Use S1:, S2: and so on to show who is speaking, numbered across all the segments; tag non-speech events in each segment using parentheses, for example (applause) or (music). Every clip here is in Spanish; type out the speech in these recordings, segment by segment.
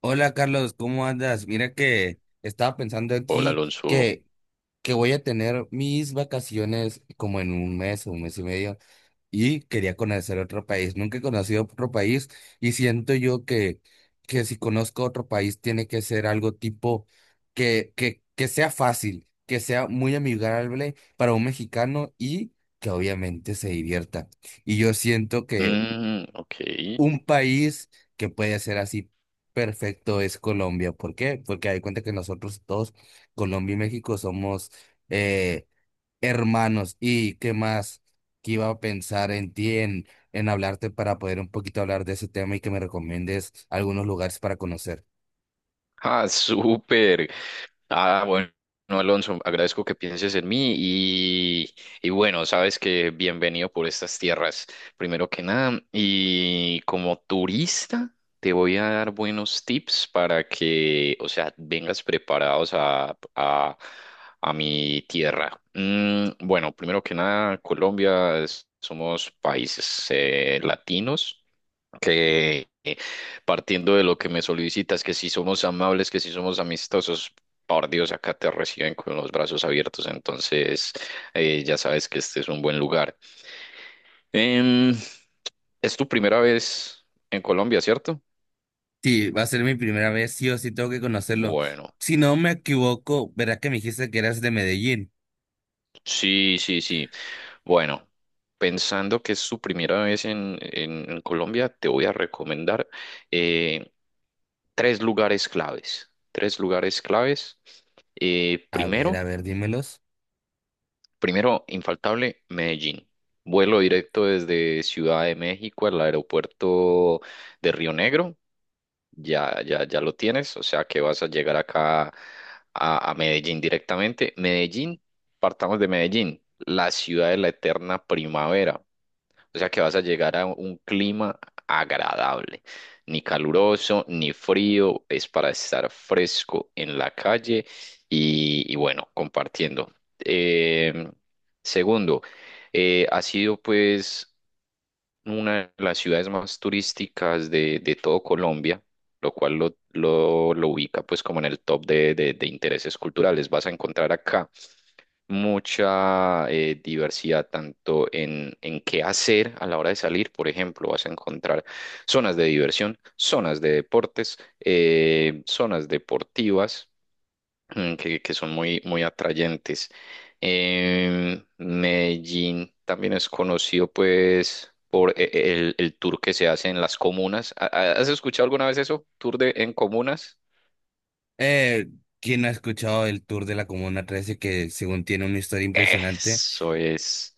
S1: Hola Carlos, ¿cómo andas? Mira que estaba pensando
S2: Hola
S1: aquí
S2: Alonso.
S1: que, que voy a tener mis vacaciones como en un mes o un mes y medio y quería conocer otro país. Nunca he conocido otro país y siento yo que si conozco otro país tiene que ser algo tipo que sea fácil, que sea muy amigable para un mexicano y que obviamente se divierta. Y yo siento que
S2: Mm, ok.
S1: un país que puede ser así perfecto es Colombia. ¿Por qué? Porque hay cuenta que nosotros todos, Colombia y México, somos eh, hermanos. ¿Y qué más? Que iba a pensar en ti, en hablarte para poder un poquito hablar de ese tema y que me recomiendes algunos lugares para conocer.
S2: Ah, (laughs) súper. Ah, bueno, Alonso, agradezco que pienses en mí y bueno, sabes que bienvenido por estas tierras, primero que nada. Y como turista, te voy a dar buenos tips para que, o sea, vengas preparados a mi tierra. Bueno, primero que nada, Colombia, somos países latinos que partiendo de lo que me solicitas, que si somos amables, que si somos amistosos, por Dios, acá te reciben con los brazos abiertos, entonces ya sabes que este es un buen lugar. Em, es tu primera vez en Colombia, ¿cierto?
S1: Sí, va a ser mi primera vez, sí o sí tengo que conocerlo.
S2: Bueno,
S1: Si no me equivoco, verás que me dijiste que eras de Medellín.
S2: sí, sí, sí. Bueno, pensando que es su primera vez en, en Colombia, te voy a recomendar eh, tres lugares claves. Tres lugares claves. Primero,
S1: A ver, dímelos.
S2: primero, infaltable, Medellín. Vuelo directo desde Ciudad de México al aeropuerto de Río Negro. Ya, ya, ya lo tienes, o sea que vas a llegar acá a Medellín directamente. Medellín, partamos de Medellín, la ciudad de la eterna primavera. O sea que vas a llegar a un clima agradable, ni caluroso, ni frío, es para estar fresco en la calle y bueno, compartiendo. Eh, Segundo, ha sido pues una de las ciudades más turísticas de todo Colombia, lo cual lo ubica pues como en el top de intereses culturales. Vas a encontrar acá mucha diversidad tanto en qué hacer a la hora de salir. Por ejemplo, vas a encontrar zonas de diversión, zonas de deportes, zonas deportivas, que son muy, muy atrayentes. Medellín también es conocido pues por el tour que se hace en las comunas. ¿Has escuchado alguna vez eso? ¿Tour de, en comunas?
S1: Eh, ¿Quién no ha escuchado el tour de la Comuna 13 que según tiene una historia impresionante?
S2: Eso es.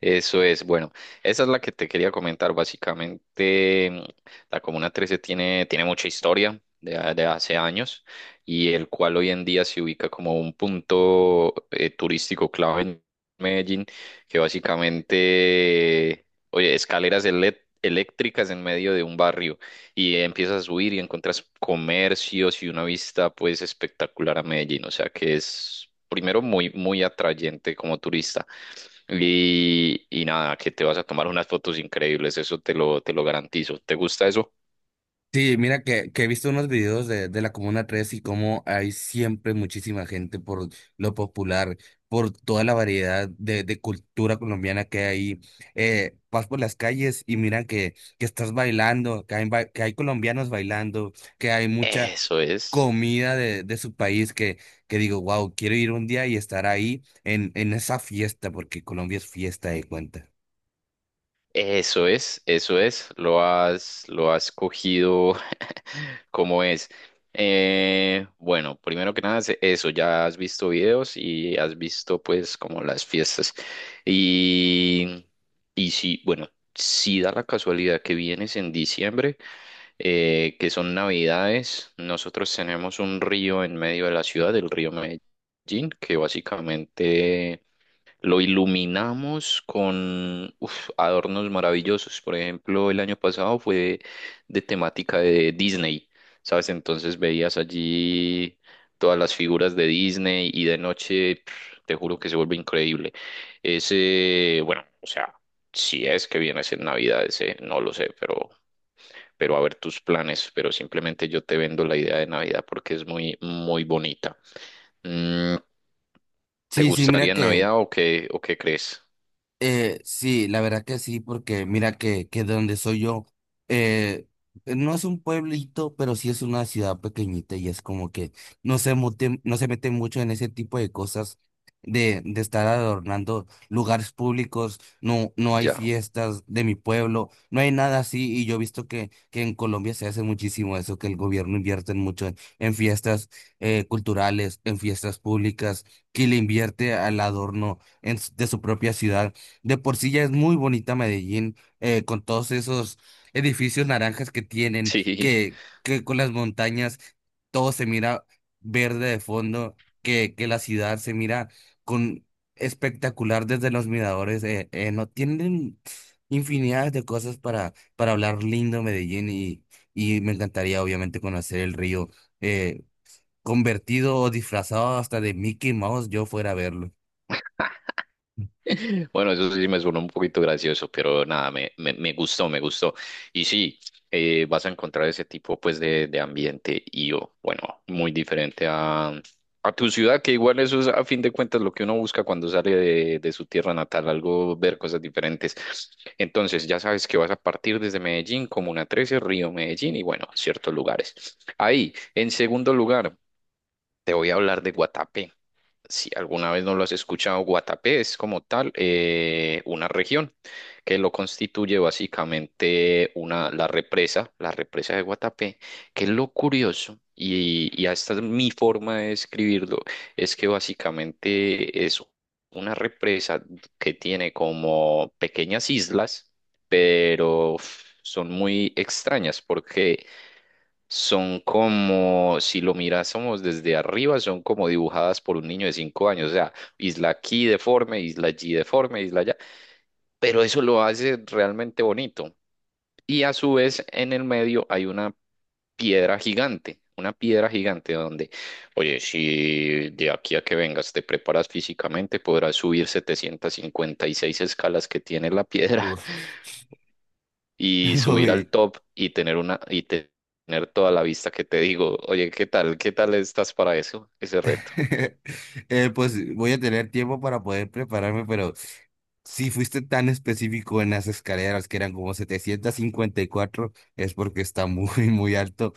S2: Eso es, bueno, esa es la que te quería comentar. Básicamente, la Comuna 13 tiene mucha historia de hace años, y el cual hoy en día se ubica como un punto turístico clave en Medellín, que básicamente, oye, escaleras eléctricas en medio de un barrio, y empiezas a subir y encuentras comercios y una vista pues espectacular a Medellín, o sea que es primero muy, muy atrayente como turista. Y nada, que te vas a tomar unas fotos increíbles, eso te lo garantizo. ¿Te gusta eso?
S1: Sí, mira que he visto unos videos de la Comuna 13 y cómo hay siempre muchísima gente por lo popular, por toda la variedad de cultura colombiana que hay ahí. Vas por las calles y mira que estás bailando, que hay colombianos bailando, que hay mucha,
S2: Eso es,
S1: comida de su país que digo, wow, quiero ir un día y estar ahí en esa fiesta, porque Colombia es fiesta de cuenta.
S2: eso es, eso es. Lo has cogido (laughs) como es. Bueno, primero que nada, es eso, ya has visto videos y has visto pues como las fiestas. Y, y sí, bueno, si da la casualidad que vienes en diciembre, que son Navidades. Nosotros tenemos un río en medio de la ciudad, el río Medellín, que básicamente lo iluminamos con uf, adornos maravillosos. Por ejemplo, el año pasado fue de temática de Disney, ¿sabes? Entonces veías allí todas las figuras de Disney, y de noche, pf, te juro que se vuelve increíble. Ese, bueno, o sea... Si es que viene a ser Navidades, no lo sé, pero a ver tus planes, pero simplemente yo te vendo la idea de Navidad porque es muy, muy bonita. Mm, ¿Te
S1: Sí, sí, mira
S2: gustaría en
S1: que,
S2: Navidad o qué, crees?
S1: Sí, la verdad que sí, porque mira que de donde soy yo, eh, no es un pueblito, pero sí es una ciudad pequeñita y es como que no se mete, no se mete mucho en ese tipo de cosas de estar adornando lugares públicos, no, no hay
S2: Ya.
S1: fiestas de mi pueblo, no hay nada así y yo he visto que en Colombia se hace muchísimo eso, que el gobierno invierte mucho en fiestas culturales, en fiestas públicas, que le invierte al adorno en de su propia ciudad. De por sí ya es muy bonita Medellín, con todos esos edificios naranjas que tienen,
S2: (laughs) Sí.
S1: que con las montañas todo se mira verde de fondo, que la ciudad se mira con espectacular desde los miradores. No tienen infinidad de cosas para hablar lindo Medellín y me encantaría obviamente conocer el río, eh, convertido o disfrazado hasta de Mickey Mouse, yo fuera a verlo.
S2: (laughs) Bueno, eso sí me suena un poquito gracioso, pero nada, me gustó, me gustó. Y sí, vas a encontrar ese tipo pues de ambiente y oh, bueno, muy diferente a tu ciudad, que igual eso es a fin de cuentas lo que uno busca cuando sale de su tierra natal, algo, ver cosas diferentes. Entonces, ya sabes que vas a partir desde Medellín, Comuna 13, Río Medellín y bueno, ciertos lugares. Ahí, en segundo lugar. Te voy a hablar de Guatapé. Si alguna vez no lo has escuchado, Guatapé es como tal, una región que lo constituye básicamente la represa de Guatapé, que es lo curioso, y esta es mi forma de describirlo, es que básicamente es una represa que tiene como pequeñas islas, pero uf, son muy extrañas porque son como, si lo mirásemos desde arriba, son como dibujadas por un niño de 5 años, o sea, isla aquí deforme, isla allí deforme, isla allá, pero eso lo hace realmente bonito. Y a su vez, en el medio hay una piedra gigante donde, oye, si de aquí a que vengas te preparas físicamente, podrás subir 756 escalas que tiene la piedra
S1: Uf,
S2: y
S1: (laughs)
S2: subir al
S1: Uy.
S2: top y tener tener toda la vista que te digo, oye, ¿qué tal? ¿Qué tal estás para eso? Ese reto.
S1: (laughs) Pues voy a tener tiempo para poder prepararme, pero si fuiste tan específico en las escaleras que eran como 754 es porque está muy, muy alto.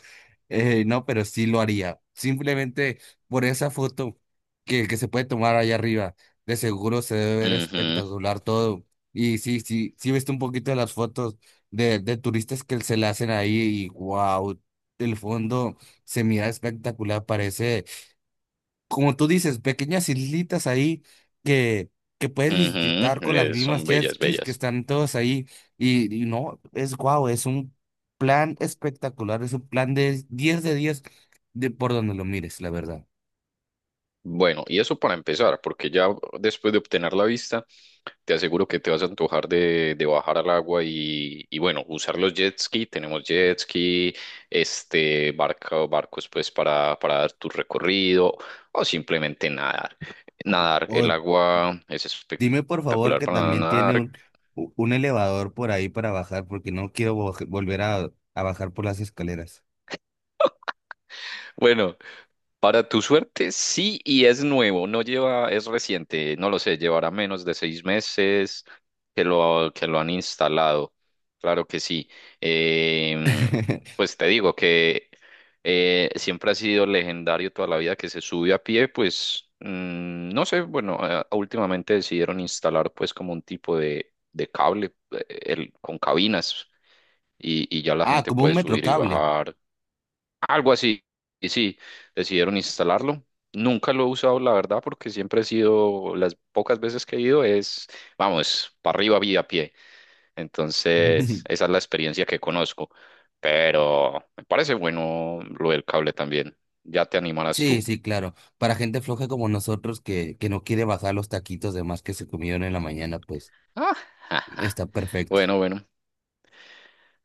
S1: No, pero sí lo haría. Simplemente por esa foto que se puede tomar allá arriba, de seguro se debe ver
S2: Ujú,
S1: espectacular todo. Y sí, sí, sí viste un poquito de las fotos de turistas que se la hacen ahí y wow, el fondo se mira espectacular, parece como tú dices, pequeñas islitas ahí que, que puedes
S2: ujú,
S1: visitar con las mismas
S2: son
S1: jet
S2: bellas,
S1: skis que
S2: bellas.
S1: están todos ahí. Y no, es guau, es un plan espectacular, es un plan de 10 de 10 de por donde lo mires, la verdad.
S2: Bueno, y eso para empezar, porque ya después de obtener la vista, te aseguro que te vas a antojar de bajar al agua y bueno, usar los jet ski. Tenemos jet ski, este, barcos pues para, dar tu recorrido o simplemente nadar. Nadar, el
S1: O
S2: agua es
S1: dime por favor
S2: espectacular
S1: que
S2: para
S1: también tiene
S2: nadar.
S1: un, un elevador por ahí para bajar, porque no quiero volver a bajar por las escaleras.
S2: Bueno, para tu suerte, sí, y es nuevo, no lleva, es reciente, no lo sé, llevará menos de 6 meses que lo han instalado, claro que sí. Em,
S1: (laughs)
S2: pues te digo que siempre ha sido legendario toda la vida que se sube a pie, pues no sé, bueno, últimamente decidieron instalar pues como un tipo de cable, con cabinas y ya la
S1: Ah,
S2: gente
S1: como un
S2: puede subir y
S1: metrocable.
S2: bajar algo así. Y sí, decidieron instalarlo. Nunca lo he usado, la verdad, porque siempre he sido, las pocas veces que he ido es, vamos, para arriba vía a pie. Entonces,
S1: (laughs)
S2: esa es la experiencia que conozco. Pero me parece bueno lo del cable también. Ya te animarás
S1: Sí,
S2: tú.
S1: sí, claro. Para gente floja como nosotros que no quiere bajar los taquitos de más que se comieron en la mañana, pues
S2: Ah, (laughs) ja, ja.
S1: está perfecto.
S2: Bueno, bueno.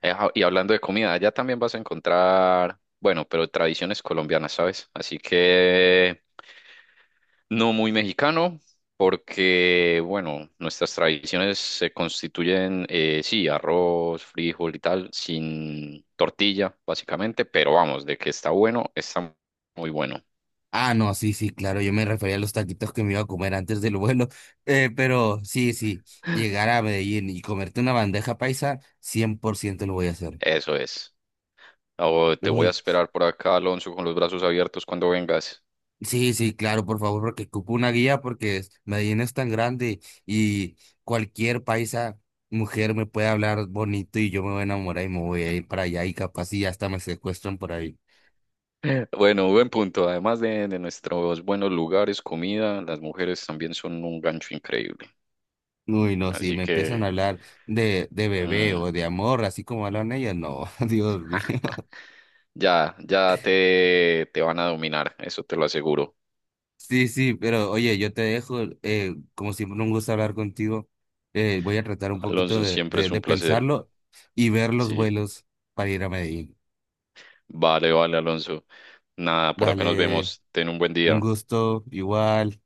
S2: Y hablando de comida, allá también vas a encontrar, bueno, pero tradiciones colombianas, ¿sabes? Así que no muy mexicano, porque, bueno, nuestras tradiciones se constituyen, sí, arroz, frijol y tal, sin tortilla, básicamente, pero vamos, de que está bueno, está muy bueno.
S1: Ah, no, sí, sí, claro. Yo me refería a los taquitos que me iba a comer antes del vuelo. (laughs) Pero sí, sí, llegar a Medellín y comerte una bandeja paisa, 100% lo voy a hacer.
S2: Eso es. Oh, te voy a
S1: Uy.
S2: esperar por acá, Alonso, con los brazos abiertos cuando vengas.
S1: Sí, sí, claro, por favor, porque ocupo una guía porque Medellín es tan grande y cualquier paisa mujer me puede hablar bonito y yo me voy a enamorar y me voy a ir para allá y capaz y hasta me secuestran por ahí.
S2: (laughs) Bueno, buen punto. Además de nuestros buenos lugares, comida, las mujeres también son un gancho increíble.
S1: Uy, no, si
S2: Así
S1: me empiezan a
S2: que
S1: hablar de bebé
S2: mm,
S1: o de amor, así como hablan ellas, no, (laughs) Dios mío.
S2: ya, ya te van a dominar, eso te lo aseguro.
S1: Sí, sí, pero oye, yo te dejo, como siempre un gusto hablar contigo, voy a tratar un poquito
S2: Alonso, siempre es
S1: de
S2: un placer.
S1: pensarlo y ver los
S2: Sí,
S1: vuelos para ir a Medellín.
S2: vale, vale, Alonso. Nada, por acá nos
S1: Dale.
S2: vemos. Ten un buen
S1: Un
S2: día.
S1: gusto igual.